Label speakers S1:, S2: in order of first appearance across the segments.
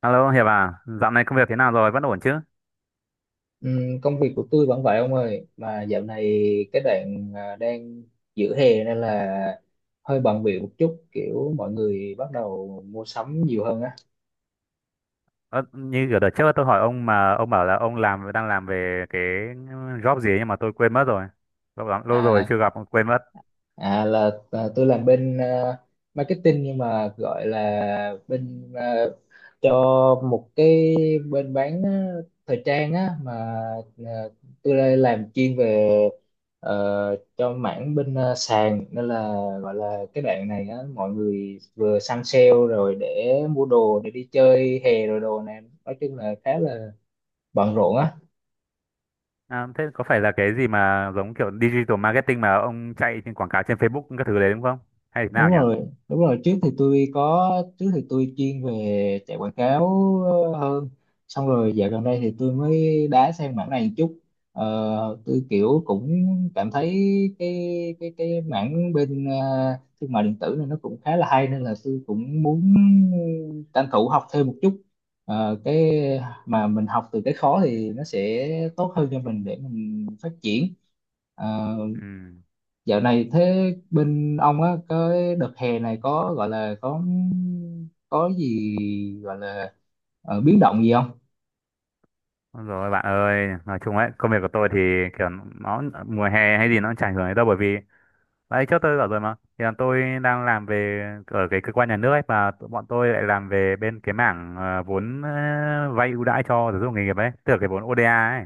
S1: Alo Hiệp à, dạo này công việc thế nào rồi, vẫn ổn chứ?
S2: Công việc của tôi vẫn vậy, ông ơi. Mà dạo này cái đoạn đang giữa hè nên là hơi bận bịu một chút, kiểu mọi người bắt đầu mua sắm nhiều hơn á.
S1: Ờ, như ở đợt trước tôi hỏi ông mà ông bảo là ông đang làm về cái job gì ấy nhưng mà tôi quên mất rồi. Lâu lắm, lâu rồi
S2: à,
S1: chưa gặp, quên mất.
S2: À là tôi làm bên marketing, nhưng mà gọi là bên cho một cái bên bán thời trang á. Mà à, tôi đây làm chuyên về, cho mảng bên sàn. Nên là gọi là cái đoạn này á, mọi người vừa săn sale rồi để mua đồ để đi chơi hè rồi đồ, này nói chung là khá là bận rộn á.
S1: À, thế có phải là cái gì mà giống kiểu digital marketing mà ông chạy trên quảng cáo trên Facebook các thứ đấy đúng không? Hay thế
S2: Đúng
S1: nào nhỉ?
S2: rồi, đúng rồi, trước thì tôi chuyên về chạy quảng cáo hơn. Xong rồi dạo gần đây thì tôi mới đá sang mảng này một chút. Ờ, tôi kiểu cũng cảm thấy cái cái mảng bên thương mại điện tử này nó cũng khá là hay, nên là tôi cũng muốn tranh thủ học thêm một chút. Cái mà mình học từ cái khó thì nó sẽ tốt hơn cho mình để mình phát triển. Ờ,
S1: Ừ.
S2: Dạo này thế bên ông á, cái đợt hè này có gọi là có gì gọi là biến động gì không?
S1: Ôi rồi bạn ơi, nói chung ấy, công việc của tôi thì kiểu nó mùa hè hay gì nó cũng chả ảnh hưởng đến đâu, bởi vì đấy, trước tôi bảo rồi mà. Thì là tôi đang làm về ở cái cơ quan nhà nước ấy, và tụi bọn tôi lại làm về bên cái mảng vốn vay ưu đãi cho giáo dục nghề nghiệp ấy, tức là cái vốn ODA ấy.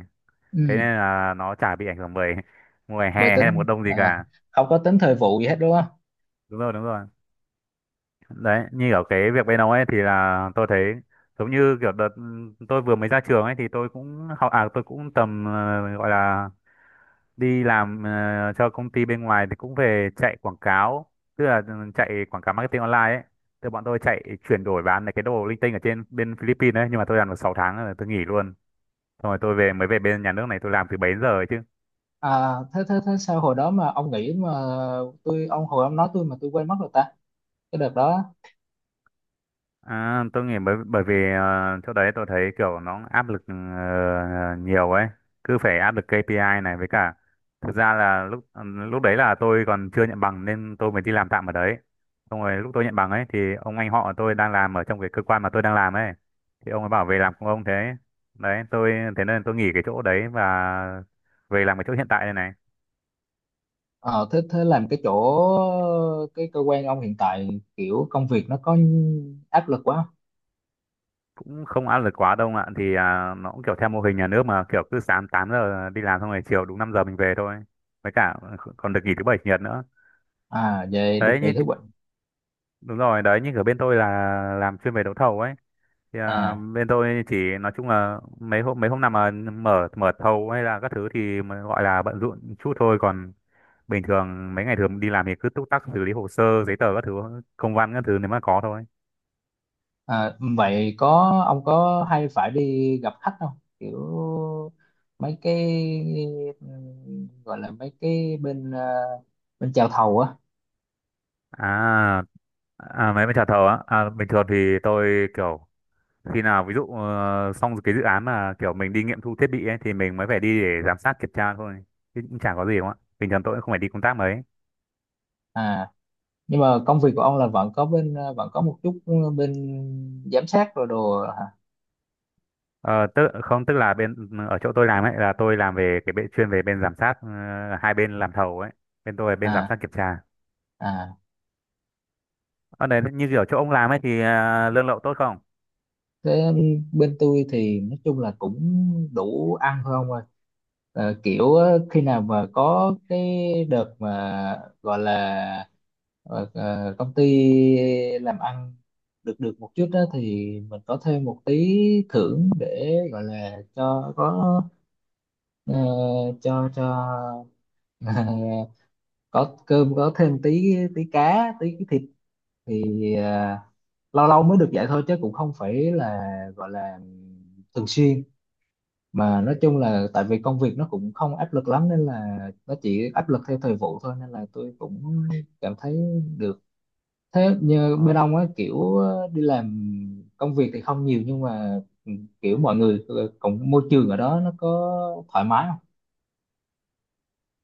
S1: Thế
S2: Ừ,
S1: nên là nó chả bị ảnh hưởng bởi mùa hè
S2: bởi
S1: hay là mùa
S2: tính
S1: đông gì cả.
S2: không có tính thời vụ gì hết đúng không?
S1: Đúng rồi, đúng rồi. Đấy, như ở cái việc bên ông ấy thì là tôi thấy giống như kiểu đợt tôi vừa mới ra trường ấy, thì tôi cũng học à tôi cũng tầm gọi là đi làm cho công ty bên ngoài thì cũng về chạy quảng cáo, tức là chạy quảng cáo marketing online ấy, tức bọn tôi chạy chuyển đổi bán cái đồ linh tinh ở trên bên Philippines ấy, nhưng mà tôi làm được 6 tháng rồi tôi nghỉ luôn, xong rồi tôi mới về bên nhà nước này tôi làm từ 7 giờ ấy chứ.
S2: À, thế thế thế sao hồi đó mà ông nghĩ mà tôi ông hồi ông nói tôi mà tôi quên mất rồi ta, cái đợt đó.
S1: À, tôi nghĩ bởi bởi vì ờ, chỗ đấy tôi thấy kiểu nó áp lực nhiều ấy, cứ phải áp lực KPI này, với cả thực ra là lúc đấy là tôi còn chưa nhận bằng nên tôi mới đi làm tạm ở đấy. Xong rồi lúc tôi nhận bằng ấy thì ông anh họ tôi đang làm ở trong cái cơ quan mà tôi đang làm ấy. Thì ông ấy bảo về làm cùng ông thế. Đấy, tôi thế nên tôi nghỉ cái chỗ đấy và về làm cái chỗ hiện tại đây này.
S2: Ờ, thế thế làm cái chỗ, cái cơ quan ông hiện tại, kiểu công việc nó có áp lực quá không?
S1: Cũng không áp lực quá đâu ạ, thì nó cũng kiểu theo mô hình nhà nước mà, kiểu cứ sáng 8 giờ đi làm xong rồi chiều đúng 5 giờ mình về thôi, với cả còn được nghỉ thứ bảy chủ nhật nữa.
S2: À, về được
S1: Đấy,
S2: nghỉ
S1: như
S2: thứ bảy.
S1: đúng rồi, đấy, như ở bên tôi là làm chuyên về đấu thầu ấy, thì
S2: À
S1: bên tôi chỉ nói chung là mấy hôm nào mà mở mở thầu hay là các thứ thì mà gọi là bận rộn chút thôi, còn bình thường mấy ngày thường đi làm thì cứ túc tắc xử lý hồ sơ giấy tờ các thứ, công văn các thứ nếu mà có thôi.
S2: À, vậy ông có hay phải đi gặp khách không? Kiểu mấy cái, gọi là mấy cái bên bên chào thầu á.
S1: à À, mấy bên trà thầu á, bình thường thì tôi kiểu khi nào ví dụ xong cái dự án mà kiểu mình đi nghiệm thu thiết bị ấy, thì mình mới phải đi để giám sát kiểm tra thôi, chứ cũng chả có gì đúng không ạ, bình thường tôi cũng không phải đi công tác mấy.
S2: À, nhưng mà công việc của ông là vẫn có bên, vẫn có một chút bên giám sát rồi đồ hả?
S1: Ờ, tức không tức là bên ở chỗ tôi làm ấy là tôi làm về cái bên chuyên về bên giám sát hai bên làm thầu ấy, bên tôi là bên giám
S2: À,
S1: sát kiểm tra.
S2: à
S1: Ở đấy, như kiểu chỗ ông làm ấy thì lương lậu tốt không?
S2: thế bên tôi thì nói chung là cũng đủ ăn thôi, ông ơi. Kiểu á, khi nào mà có cái đợt mà gọi là công ty làm ăn được được một chút đó thì mình có thêm một tí thưởng, để gọi là cho có, ờ, cho có cơm có thêm tí tí cá tí cái thịt, thì ờ, lâu lâu mới được vậy thôi, chứ cũng không phải là gọi là thường xuyên. Mà nói chung là tại vì công việc nó cũng không áp lực lắm, nên là nó chỉ áp lực theo thời vụ thôi, nên là tôi cũng cảm thấy được. Thế như bên
S1: Ồ,
S2: ông á, kiểu đi làm công việc thì không nhiều, nhưng mà kiểu mọi người cũng môi trường ở đó nó có thoải mái không?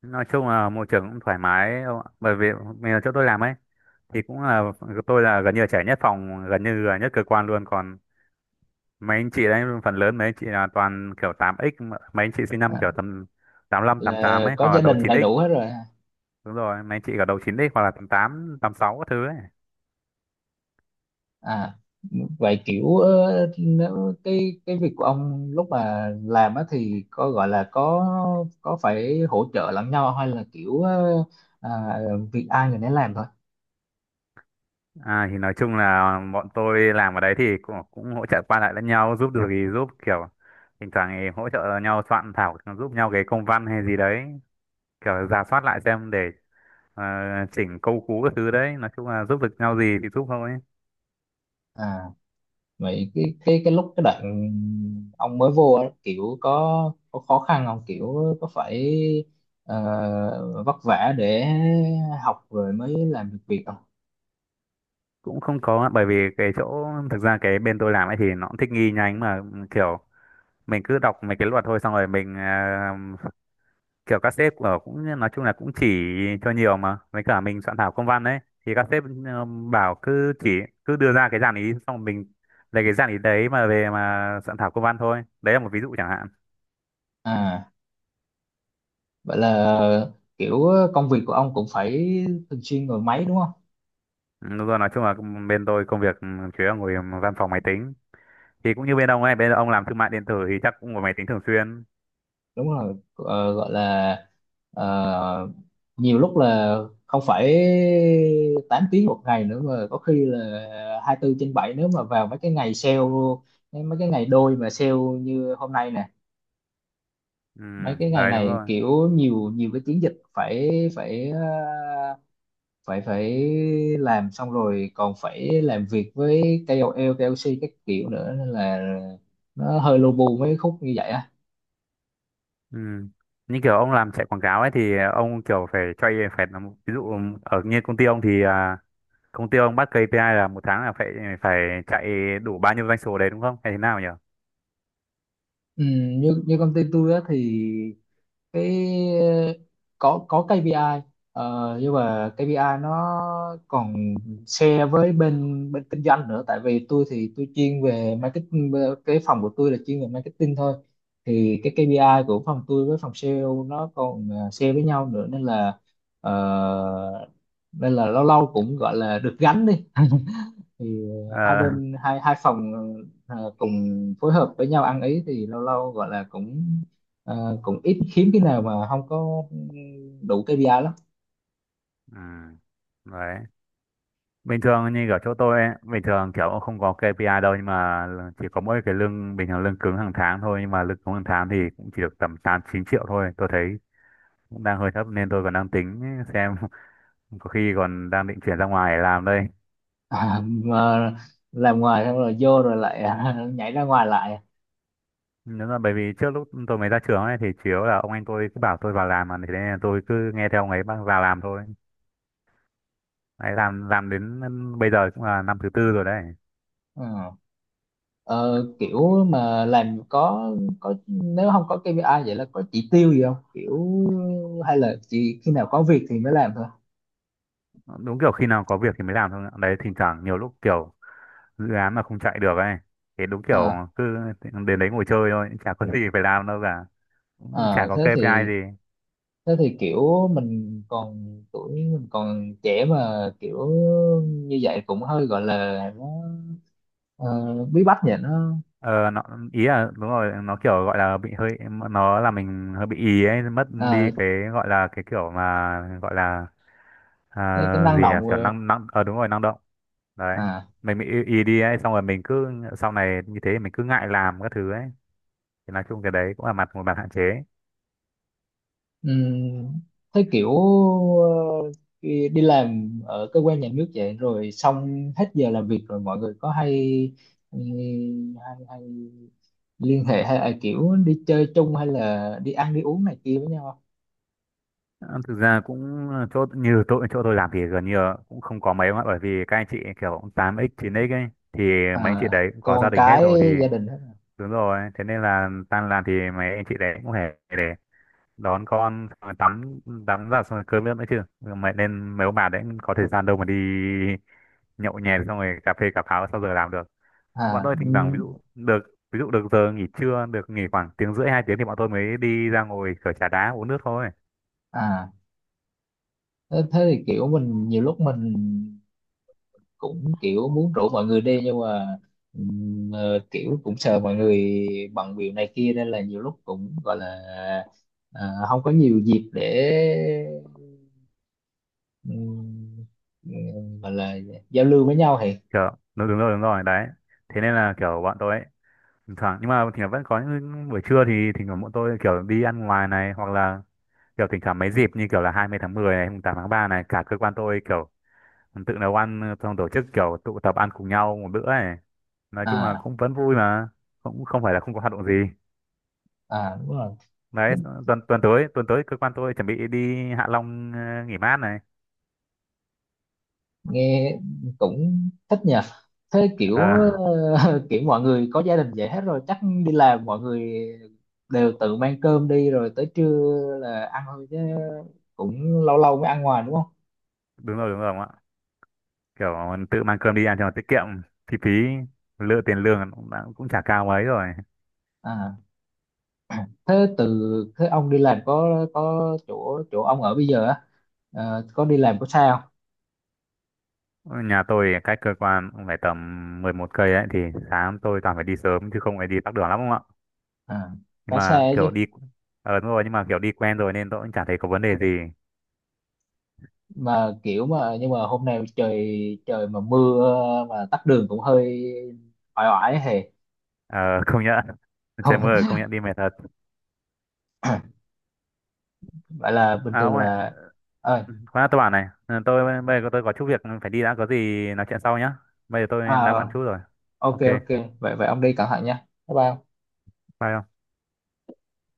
S1: nói chung là môi trường cũng thoải mái ông ạ. Bởi vì mình ở chỗ tôi làm ấy thì cũng là tôi là gần như là trẻ nhất phòng, gần như là nhất cơ quan luôn, còn mấy anh chị đấy phần lớn mấy anh chị là toàn kiểu tám x mấy anh chị sinh năm
S2: À,
S1: kiểu tầm 85, 88
S2: là
S1: ấy,
S2: có
S1: hoặc là
S2: gia
S1: đầu
S2: đình
S1: chín
S2: đầy đủ
S1: x.
S2: hết rồi.
S1: Đúng rồi, mấy anh chị cả đầu chín x hoặc là 88, 86 các thứ ấy.
S2: À, vậy kiểu nếu cái việc của ông lúc mà làm á thì có gọi là có phải hỗ trợ lẫn nhau, hay là kiểu à, việc ai người nấy làm thôi?
S1: Thì nói chung là bọn tôi làm ở đấy thì cũng hỗ trợ qua lại lẫn nhau, giúp được thì giúp, kiểu thỉnh thoảng thì hỗ trợ nhau soạn thảo giúp nhau cái công văn hay gì đấy, kiểu rà soát lại xem để ờ, chỉnh câu cú các thứ đấy, nói chung là giúp được nhau gì thì giúp thôi.
S2: À, vậy cái lúc cái đoạn ông mới vô á, kiểu có khó khăn không, kiểu có phải vất vả để học rồi mới làm được việc không?
S1: Cũng không có á, bởi vì cái chỗ thực ra cái bên tôi làm ấy thì nó cũng thích nghi nhanh mà, kiểu mình cứ đọc mấy cái luật thôi, xong rồi mình kiểu các sếp ở cũng nói chung là cũng chỉ cho nhiều mà, với cả mình soạn thảo công văn đấy thì các sếp bảo cứ đưa ra cái dàn ý xong rồi mình lấy cái dàn ý đấy mà về mà soạn thảo công văn thôi, đấy là một ví dụ chẳng hạn.
S2: À, vậy là kiểu công việc của ông cũng phải thường xuyên ngồi máy đúng không?
S1: Ừ, đúng rồi, nói chung là bên tôi công việc chủ yếu là ngồi văn phòng máy tính, thì cũng như bên ông ấy, bên ông làm thương mại điện tử thì chắc cũng ngồi máy tính thường xuyên.
S2: Đúng rồi. Ờ, Gọi là ờ, nhiều lúc là không phải 8 tiếng một ngày nữa, mà có khi là 24 trên 7 nếu mà vào mấy cái ngày sale, mấy cái ngày đôi mà sale như hôm nay nè.
S1: Ừ,
S2: Mấy cái ngày
S1: đấy đúng
S2: này
S1: rồi.
S2: kiểu nhiều nhiều cái chiến dịch phải phải phải phải làm, xong rồi còn phải làm việc với KOL, KOC các kiểu nữa, nên là nó hơi lu bu mấy khúc như vậy á.
S1: Ừ. Như kiểu ông làm chạy quảng cáo ấy thì ông kiểu ví dụ ở như công ty ông thì công ty ông bắt KPI là một tháng là phải phải chạy đủ bao nhiêu doanh số đấy đúng không? Hay thế nào nhỉ?
S2: ừ, như như công ty tôi á thì cái ờ, có KPI, nhưng mà KPI nó còn share với bên bên kinh doanh nữa. Tại vì tôi thì tôi chuyên về marketing, cái phòng của tôi là chuyên về marketing thôi. Thì cái KPI của phòng tôi với phòng sale nó còn share với nhau nữa, nên là ờ, lâu lâu cũng gọi là được gánh đi. Thì hai
S1: Ờ,
S2: bên hai hai phòng cùng phối hợp với nhau ăn ý, thì lâu lâu gọi là cũng à, cũng ít, hiếm cái nào mà không có đủ KPI lắm.
S1: ừ. Đấy. Bình thường như ở chỗ tôi ấy, bình thường kiểu ông không có KPI đâu, nhưng mà chỉ có mỗi cái lương bình thường lương cứng hàng tháng thôi, nhưng mà lương cứng hàng tháng thì cũng chỉ được tầm 8 9 triệu thôi. Tôi thấy cũng đang hơi thấp nên tôi còn đang tính xem có khi còn đang định chuyển ra ngoài để làm đây.
S2: Mà làm ngoài xong rồi vô rồi lại nhảy ra ngoài lại.
S1: Đúng rồi, bởi vì trước lúc tôi mới ra trường ấy thì chủ yếu là ông anh tôi cứ bảo tôi vào làm mà, thế nên là tôi cứ nghe theo ông ấy vào làm thôi. Đấy, làm đến bây giờ cũng là năm thứ tư rồi đấy.
S2: Ờ, Kiểu mà làm có nếu không có KPI vậy là có chỉ tiêu gì không, kiểu hay là chỉ khi nào có việc thì mới làm thôi?
S1: Đúng kiểu khi nào có việc thì mới làm thôi. Đấy, thỉnh thoảng nhiều lúc kiểu dự án mà không chạy được ấy. Thì đúng kiểu
S2: Ờ,
S1: cứ đến đấy ngồi chơi thôi, chả có gì phải làm đâu cả. Cũng chả
S2: ờ,
S1: có
S2: thế
S1: KPI
S2: thì
S1: gì.
S2: Thế thì kiểu mình còn tuổi, mình còn trẻ mà kiểu như vậy cũng hơi gọi là nó ờ, bí bách nhỉ, nó
S1: Ờ nó ý là đúng rồi, nó kiểu gọi là bị hơi, nó là mình hơi bị ý ấy, mất đi cái gọi là cái kiểu mà gọi là
S2: cái năng
S1: gì nhỉ,
S2: động.
S1: kiểu
S2: Ờ,
S1: năng năng đúng rồi, năng động. Đấy,
S2: à
S1: mình bị ý đi ấy, xong rồi mình cứ sau này như thế mình cứ ngại làm các thứ ấy, thì nói chung cái đấy cũng là mặt một mặt hạn chế.
S2: um, Thế kiểu ờ, đi đi làm ở cơ quan nhà nước vậy rồi xong hết giờ làm việc rồi mọi người có hay, ừ, hay, hay liên hệ, hay là kiểu đi chơi chung, hay là đi ăn đi uống này kia với nhau không?
S1: Ờ, thực ra cũng chỗ như tôi chỗ tôi làm thì gần như là cũng không có mấy, mà bởi vì các anh chị kiểu tám x chín x ấy thì
S2: À,
S1: mấy anh chị đấy cũng có gia
S2: còn
S1: đình hết
S2: cái
S1: rồi thì
S2: gia đình hết à?
S1: đúng rồi, thế nên là tan làm thì mấy anh chị đấy cũng phải để đón con xong rồi tắm tắm giặt xong rồi cơm nước nữa chứ mẹ, nên mấy ông bà đấy có thời gian đâu mà đi nhậu nhẹt xong rồi cà phê cà pháo sau giờ làm được. Bọn
S2: à,
S1: tôi
S2: ừ,
S1: thỉnh thoảng ví dụ được giờ nghỉ trưa được nghỉ khoảng tiếng rưỡi hai tiếng thì bọn tôi mới đi ra ngồi kiểu trà đá uống nước thôi.
S2: à thế thế thì kiểu mình nhiều lúc mình cũng kiểu muốn rủ mọi người đi, nhưng mà kiểu cũng sợ mọi người bận việc này kia, nên là nhiều lúc cũng gọi là không có nhiều dịp để ừm, gọi là giao lưu với nhau thì...
S1: Kiểu đúng, đúng rồi, đúng rồi đấy, thế nên là kiểu bọn tôi ấy, thỉnh thoảng, nhưng mà thỉnh thoảng vẫn có những buổi trưa thì thỉnh thoảng bọn tôi kiểu đi ăn ngoài này, hoặc là kiểu thỉnh thoảng mấy dịp như kiểu là 20 tháng 10 này, mùng 8 tháng 3 này, cả cơ quan tôi kiểu tự nấu ăn xong tổ chức kiểu tụ tập ăn cùng nhau một bữa ấy. Nói chung là
S2: À,
S1: cũng vẫn vui mà, cũng không phải là không có hoạt động gì.
S2: à, đúng rồi.
S1: Đấy,
S2: Thích-
S1: tuần tuần tới cơ quan tôi chuẩn bị đi Hạ Long nghỉ mát này.
S2: Nghe cũng thích nhỉ. Thế
S1: Ờ,
S2: kiểu kiểu mọi người có gia đình vậy hết rồi, chắc đi làm mọi người đều tự mang cơm đi rồi tới trưa là ăn thôi, chứ cũng lâu lâu mới ăn ngoài đúng không?
S1: đúng rồi ông ạ. Kiểu tự mang cơm đi ăn cho nó tiết kiệm, chi phí lựa tiền lương cũng, cũng chả cao mấy rồi.
S2: À, thế từ thế ông đi làm có chỗ chỗ ông ở bây giờ á, có đi làm có xa không?
S1: Ở Nhà tôi cách cơ quan cũng phải tầm 11 cây ấy, thì sáng tôi toàn phải đi sớm chứ không phải đi tắc đường lắm không ạ.
S2: À,
S1: Nhưng
S2: khá xa
S1: mà
S2: ấy chứ.
S1: kiểu đi đúng rồi, nhưng mà kiểu đi quen rồi nên tôi cũng chả thấy có vấn đề gì.
S2: Mà kiểu mà Nhưng mà hôm nay trời, trời mà mưa, mà tắc đường cũng hơi oải, oải hề.
S1: Ờ công nhận trời
S2: Không.
S1: mưa công nhận đi mệt thật.
S2: Vậy là bình
S1: À
S2: thường
S1: ông ơi,
S2: là... Ơi.
S1: khoan đã, tôi bảo này, bây giờ tôi có chút việc phải đi đã, có gì nói chuyện sau nhá. Bây giờ tôi đang bận
S2: à,
S1: chút rồi.
S2: ok,
S1: Ok,
S2: ok. Vậy vậy ông đi cẩn thận nha, bye bye ông.
S1: bye ông.